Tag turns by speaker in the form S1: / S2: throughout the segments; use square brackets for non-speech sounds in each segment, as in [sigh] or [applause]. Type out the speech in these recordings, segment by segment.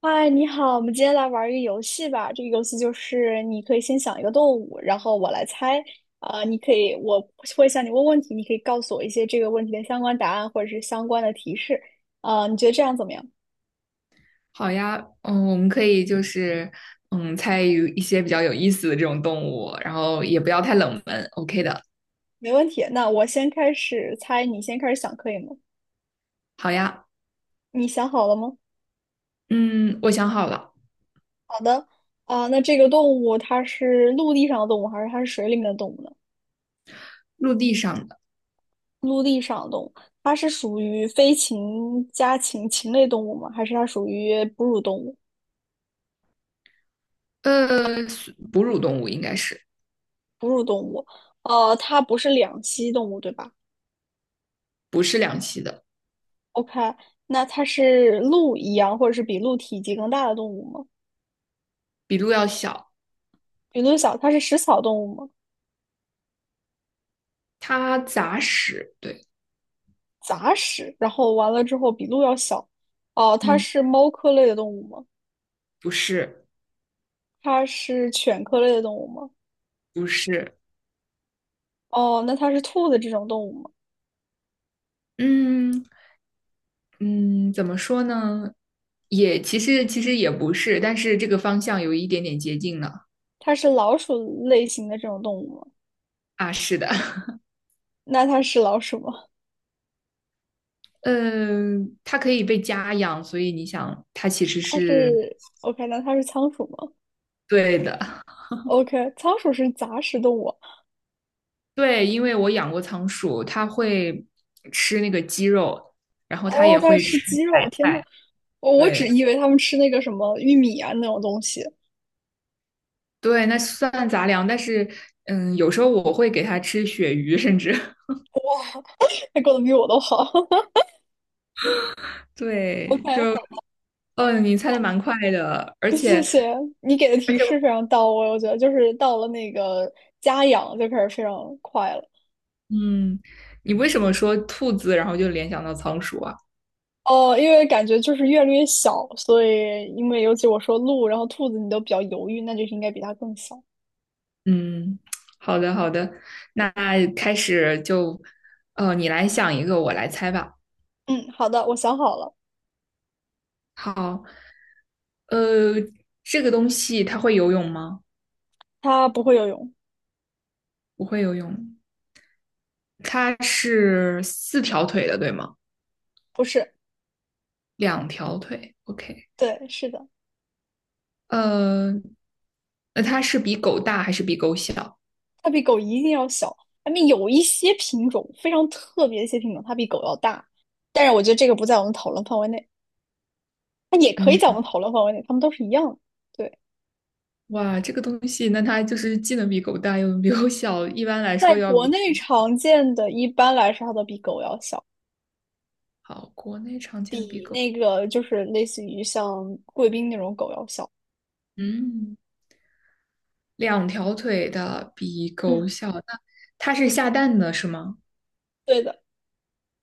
S1: 嗨，你好，我们今天来玩一个游戏吧。这个游戏就是你可以先想一个动物，然后我来猜。你可以，我会向你问问题，你可以告诉我一些这个问题的相关答案或者是相关的提示。你觉得这样怎么样？
S2: 好呀，嗯，我们可以就是参与一些比较有意思的这种动物，然后也不要太冷门，OK 的。
S1: 没问题。那我先开始猜，你先开始想，可以吗？
S2: 好呀，
S1: 你想好了吗？
S2: 嗯，我想好了，
S1: 好的。那这个动物它是陆地上的动物，还是它是水里面的动物呢？
S2: 陆地上的，
S1: 陆地上的动物，它是属于飞禽、家禽、禽类动物吗？还是它属于哺乳动物？
S2: 呃，哺乳动物应该是
S1: 哺乳动物，它不是两栖动物，对吧
S2: 不是两栖的，
S1: ？OK，那它是鹿一样，或者是比鹿体积更大的动物吗？
S2: 比鹿要小，
S1: 比鹿小，它是食草动物吗？
S2: 它杂食，对，
S1: 杂食，然后完了之后比鹿要小。哦，它
S2: 嗯，
S1: 是猫科类的动物吗？
S2: 不是，
S1: 它是犬科类的动物吗？
S2: 不是，
S1: 哦，那它是兔子这种动物吗？
S2: 嗯嗯，怎么说呢？也其实也不是，但是这个方向有一点点接近了
S1: 它是老鼠类型的这种动物吗？
S2: 啊，是的，[laughs]
S1: 那它是老鼠吗？
S2: 嗯，它可以被家养，所以你想，它其实
S1: 它
S2: 是
S1: 是 OK，那它是仓鼠吗
S2: 对的。[laughs]
S1: ？OK，仓鼠是杂食动物，
S2: 对，因为我养过仓鼠，它会吃那个鸡肉，然后它
S1: 哦，
S2: 也
S1: 它在
S2: 会
S1: 吃
S2: 吃
S1: 鸡肉，
S2: 白
S1: 天呐，
S2: 菜。
S1: 我
S2: 对
S1: 只以为他们吃那个什么玉米啊那种东西，
S2: 对，那算杂粮，但是嗯，有时候我会给它吃鳕鱼，甚至 [laughs]
S1: [laughs] 他过得比我都好。[laughs] OK，
S2: 对，
S1: 好，
S2: 你猜的蛮快的，而
S1: [laughs] 谢
S2: 且
S1: 谢你给的
S2: 而
S1: 提
S2: 且，
S1: 示非常到位，我觉得就是到了那个家养就开始非常快了。
S2: 嗯，你为什么说兔子，然后就联想到仓鼠啊？
S1: 哦，因为感觉就是越来越小，所以因为尤其我说鹿，然后兔子你都比较犹豫，那就是应该比它更小。
S2: 嗯，好的好的，那开始就，你来想一个，我来猜吧。
S1: 嗯，好的，我想好了，
S2: 好，呃，这个东西它会游泳吗？
S1: 它不会游泳，
S2: 不会游泳。它是四条腿的，对吗？
S1: 不是，
S2: 两条腿，OK。
S1: 对，是的。
S2: 呃，那它是比狗大还是比狗小？
S1: 它比狗一定要小。它们有一些品种非常特别的一些品种，它比狗要大，但是我觉得这个不在我们讨论范围内，它也可以
S2: 嗯，
S1: 在我们讨论范围内，它们都是一样的。对，
S2: 哇，这个东西，那它就是既能比狗大，又能比狗小。一般来
S1: 在
S2: 说要
S1: 国
S2: 比，
S1: 内常见的，一般来说它都比狗要小，
S2: 好，国内常见的比
S1: 比
S2: 狗，
S1: 那个就是类似于像贵宾那种狗要小。
S2: 嗯。两条腿的比狗
S1: 嗯，
S2: 小，那它是下蛋的是吗？
S1: 对的，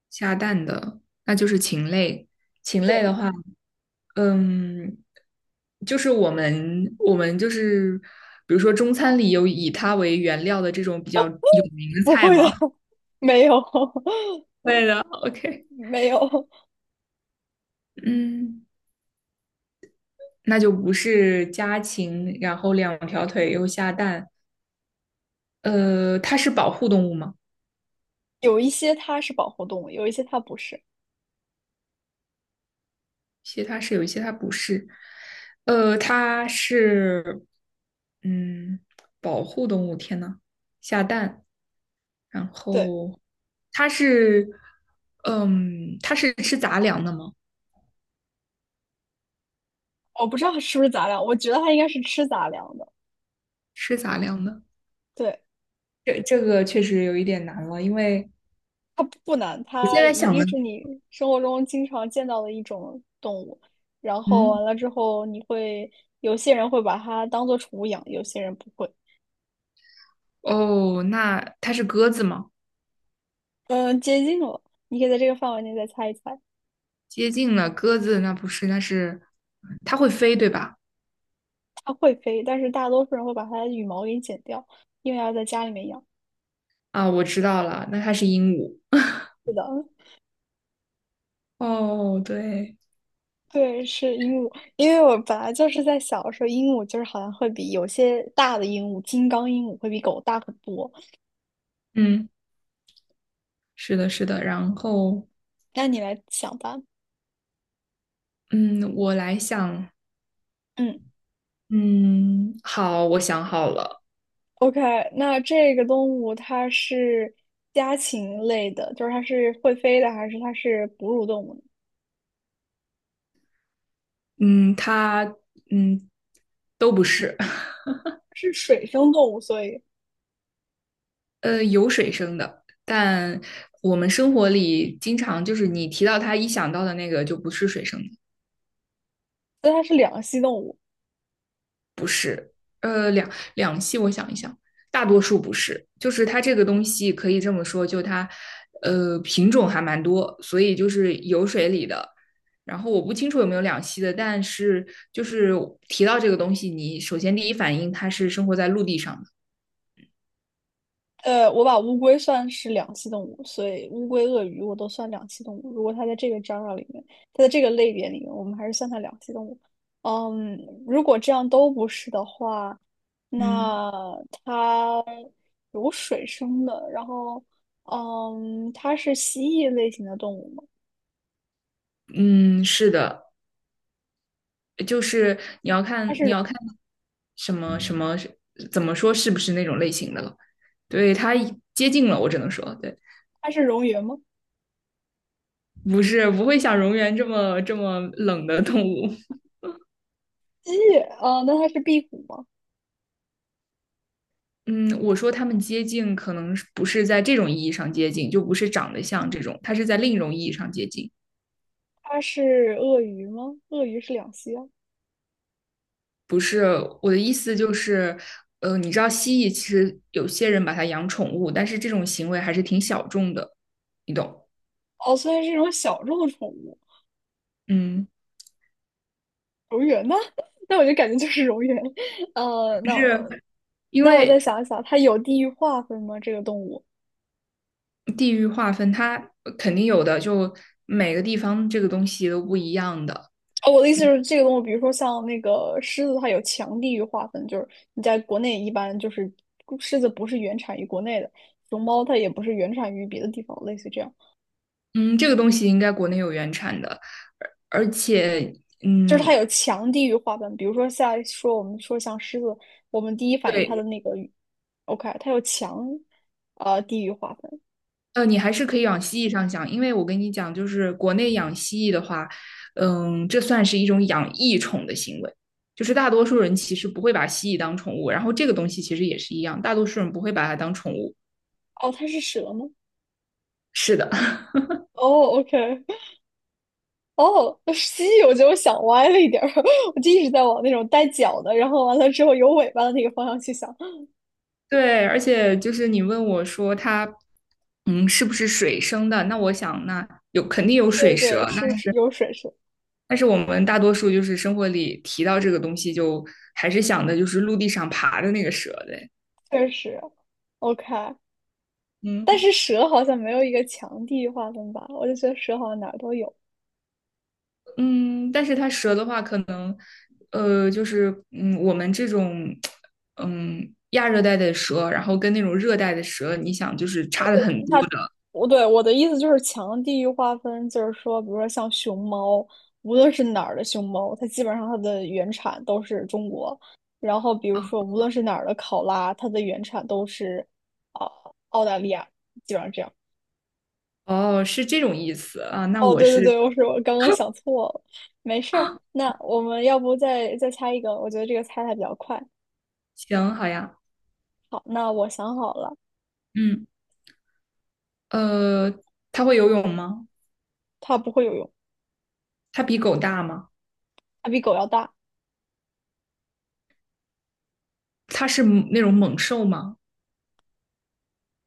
S2: 下蛋的，那就是禽类。禽类的
S1: 对，
S2: 话，嗯，就是我们就是，比如说中餐里有以它为原料的这种比较有名的
S1: 不
S2: 菜
S1: 会的，
S2: 吗？
S1: [laughs] 没有，
S2: [laughs] 对的，OK，
S1: [laughs] 没有，
S2: 嗯，那就不是家禽，然后两条腿又下蛋，它是保护动物吗？
S1: 有一些它是保护动物，有一些它不是。
S2: 些它是有一些它不是，它是嗯保护动物，天呐，下蛋，然
S1: 对，
S2: 后它是它是吃杂粮的吗？
S1: 我不知道是不是杂粮，我觉得它应该是吃杂粮的。
S2: 吃杂粮的，
S1: 对，
S2: 这这个确实有一点难了，因为
S1: 它不难，
S2: 我现
S1: 它
S2: 在
S1: 一
S2: 想
S1: 定
S2: 的，
S1: 是你生活中经常见到的一种动物。然后
S2: 嗯
S1: 完了之后，你会有些人会把它当做宠物养，有些人不会。
S2: 哦，那它是鸽子吗？
S1: 嗯，接近了，你可以在这个范围内再猜一猜。
S2: 接近了，鸽子那不是，那是它会飞对吧？
S1: 它会飞，但是大多数人会把它的羽毛给剪掉，因为要在家里面养。
S2: 啊，我知道了，那它是鹦鹉。[laughs]
S1: 是的，
S2: 哦，对，
S1: 对，是鹦鹉。因为我本来就是在小的时候，鹦鹉就是好像会比有些大的鹦鹉，金刚鹦鹉会比狗大很多。
S2: 嗯。是的，是的。然后，
S1: 那你来想吧，
S2: 嗯，我来想，
S1: 嗯。
S2: 嗯，好，我想好了，
S1: OK，那这个动物它是家禽类的，就是它是会飞的，还是它是哺乳动物呢
S2: 嗯，它，嗯，都不是，[laughs]
S1: 是水生动物，所以
S2: 有水生的，但我们生活里经常就是你提到它，一想到的那个就不是水生的。
S1: 那它是两栖动物。
S2: 呃，两两栖，我想一想，大多数不是，就是它这个东西可以这么说，品种还蛮多，所以就是有水里的。然后我不清楚有没有两栖的，但是就是提到这个东西，你首先第一反应它是生活在陆地上的。
S1: 我把乌龟算是两栖动物，所以乌龟、鳄鱼我都算两栖动物。如果它在这个章儿里面，它在这个类别里面，我们还是算它两栖动物。嗯，如果这样都不是的话，
S2: 嗯，
S1: 那它有水生的，然后嗯，它是蜥蜴类型的动物吗？
S2: 嗯，是的，就是你要
S1: 它
S2: 看你
S1: 是
S2: 要看什么什么怎么说是不是那种类型的了。对，它接近了，我只能说对。
S1: 它是蝾螈吗？
S2: 不是不会像蝾螈这么冷的动物。[laughs]
S1: 鸡那它是壁虎吗？
S2: 嗯，我说它们接近，可能不是在这种意义上接近，就不是长得像这种，它是在另一种意义上接近。
S1: 它是鳄鱼吗？鳄鱼是两栖啊。
S2: 不是我的意思就是，你知道蜥蜴其实有些人把它养宠物，但是这种行为还是挺小众的，你懂？
S1: 哦，虽然是一种小众宠物，
S2: 嗯，
S1: 蝾螈呢？[laughs] 那我就感觉就是蝾螈。呃，
S2: 就
S1: 那我
S2: 是因
S1: 那我再
S2: 为
S1: 想一想，它有地域划分吗？这个动物？
S2: 地域划分，它肯定有的，就每个地方这个东西都不一样的。
S1: 哦，我的意思是，这个动物，比如说像那个狮子，它有强地域划分，就是你在国内一般就是狮子不是原产于国内的，熊猫它也不是原产于别的地方，类似这样。
S2: 嗯，这个东西应该国内有原产的，而而且，
S1: 就是它
S2: 嗯，
S1: 有强地域划分，比如说像说我们说像狮子，我们第一反应它的
S2: 对，
S1: 那个语，OK，它有强地域划分。
S2: 你还是可以往蜥蜴上想，因为我跟你讲，就是国内养蜥蜴的话，嗯，这算是一种养异宠的行为，就是大多数人其实不会把蜥蜴当宠物，然后这个东西其实也是一样，大多数人不会把它当宠物。
S1: 哦，它是蛇吗？
S2: 是的，
S1: 哦，OK，哦，蜥蜴，我觉得我想歪了一点儿，[laughs] 我就一直在往那种带脚的，然后完了之后有尾巴的那个方向去想。[laughs]
S2: [laughs] 对，而且就是你问我说它，嗯，是不是水生的？那我想，那有肯定有水
S1: 对对，
S2: 蛇，
S1: 是有水蛇，
S2: 但是我们大多数就是生活里提到这个东西，就还是想的就是陆地上爬的那个蛇的。
S1: 确实 OK，但
S2: 嗯
S1: 是蛇好像没有一个强地域划分吧？我就觉得蛇好像哪儿都有。
S2: 嗯，但是它蛇的话，可能我们这种亚热带的蛇，然后跟那种热带的蛇，你想就是差的很多
S1: 它，
S2: 的。
S1: 我的意思就是强地域划分，就是说，比如说像熊猫，无论是哪儿的熊猫，它基本上它的原产都是中国。然后，比如说无论是哪儿的考拉，它的原产都是啊、澳大利亚，基本上这样。
S2: 哦，是这种意思啊，那
S1: 哦，
S2: 我
S1: 对对
S2: 是
S1: 对，我刚刚想错了，没事儿。那我们要不再猜一个？我觉得这个猜的比较快。
S2: 行，好呀，
S1: 好，那我想好了，
S2: 嗯，呃，它会游泳吗？
S1: 它不会游泳，
S2: 它比狗大吗？
S1: 它比狗要大。
S2: 它是那种猛兽吗？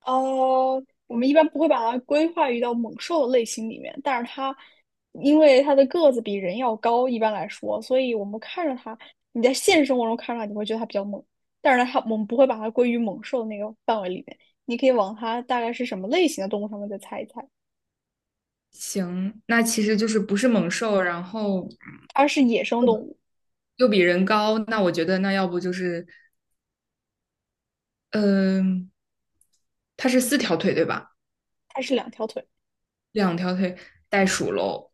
S1: 我们一般不会把它规划于到猛兽的类型里面，但是它因为它的个子比人要高，一般来说，所以我们看着它，你在现实生活中看着它，你会觉得它比较猛，但是它我们不会把它归于猛兽那个范围里面。你可以往它大概是什么类型的动物上面再猜一猜，
S2: 行，那其实就是不是猛兽，然后
S1: 它是野生动物，
S2: 又比人高，那我觉得那要不就是，嗯、它是四条腿对吧？
S1: 它是两条腿，
S2: 两条腿袋鼠喽，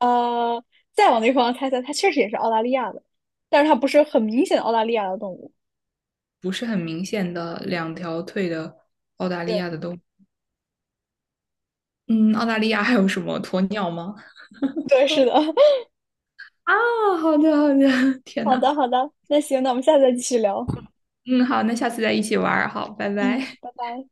S1: 呃，再往那个方向猜猜，它确实也是澳大利亚的，但是它不是很明显的澳大利亚的动物。
S2: 不是很明显的两条腿的澳大利
S1: 对
S2: 亚的动物。嗯，澳大利亚还有什么鸵鸟吗？
S1: 对，是的。[laughs]
S2: 啊，好的好的，[laughs] 天
S1: 好
S2: 呐，
S1: 的好的，那行，那我们下次再继续聊。
S2: 嗯，好，那下次再一起玩儿，好，拜
S1: 嗯，
S2: 拜。
S1: 拜拜。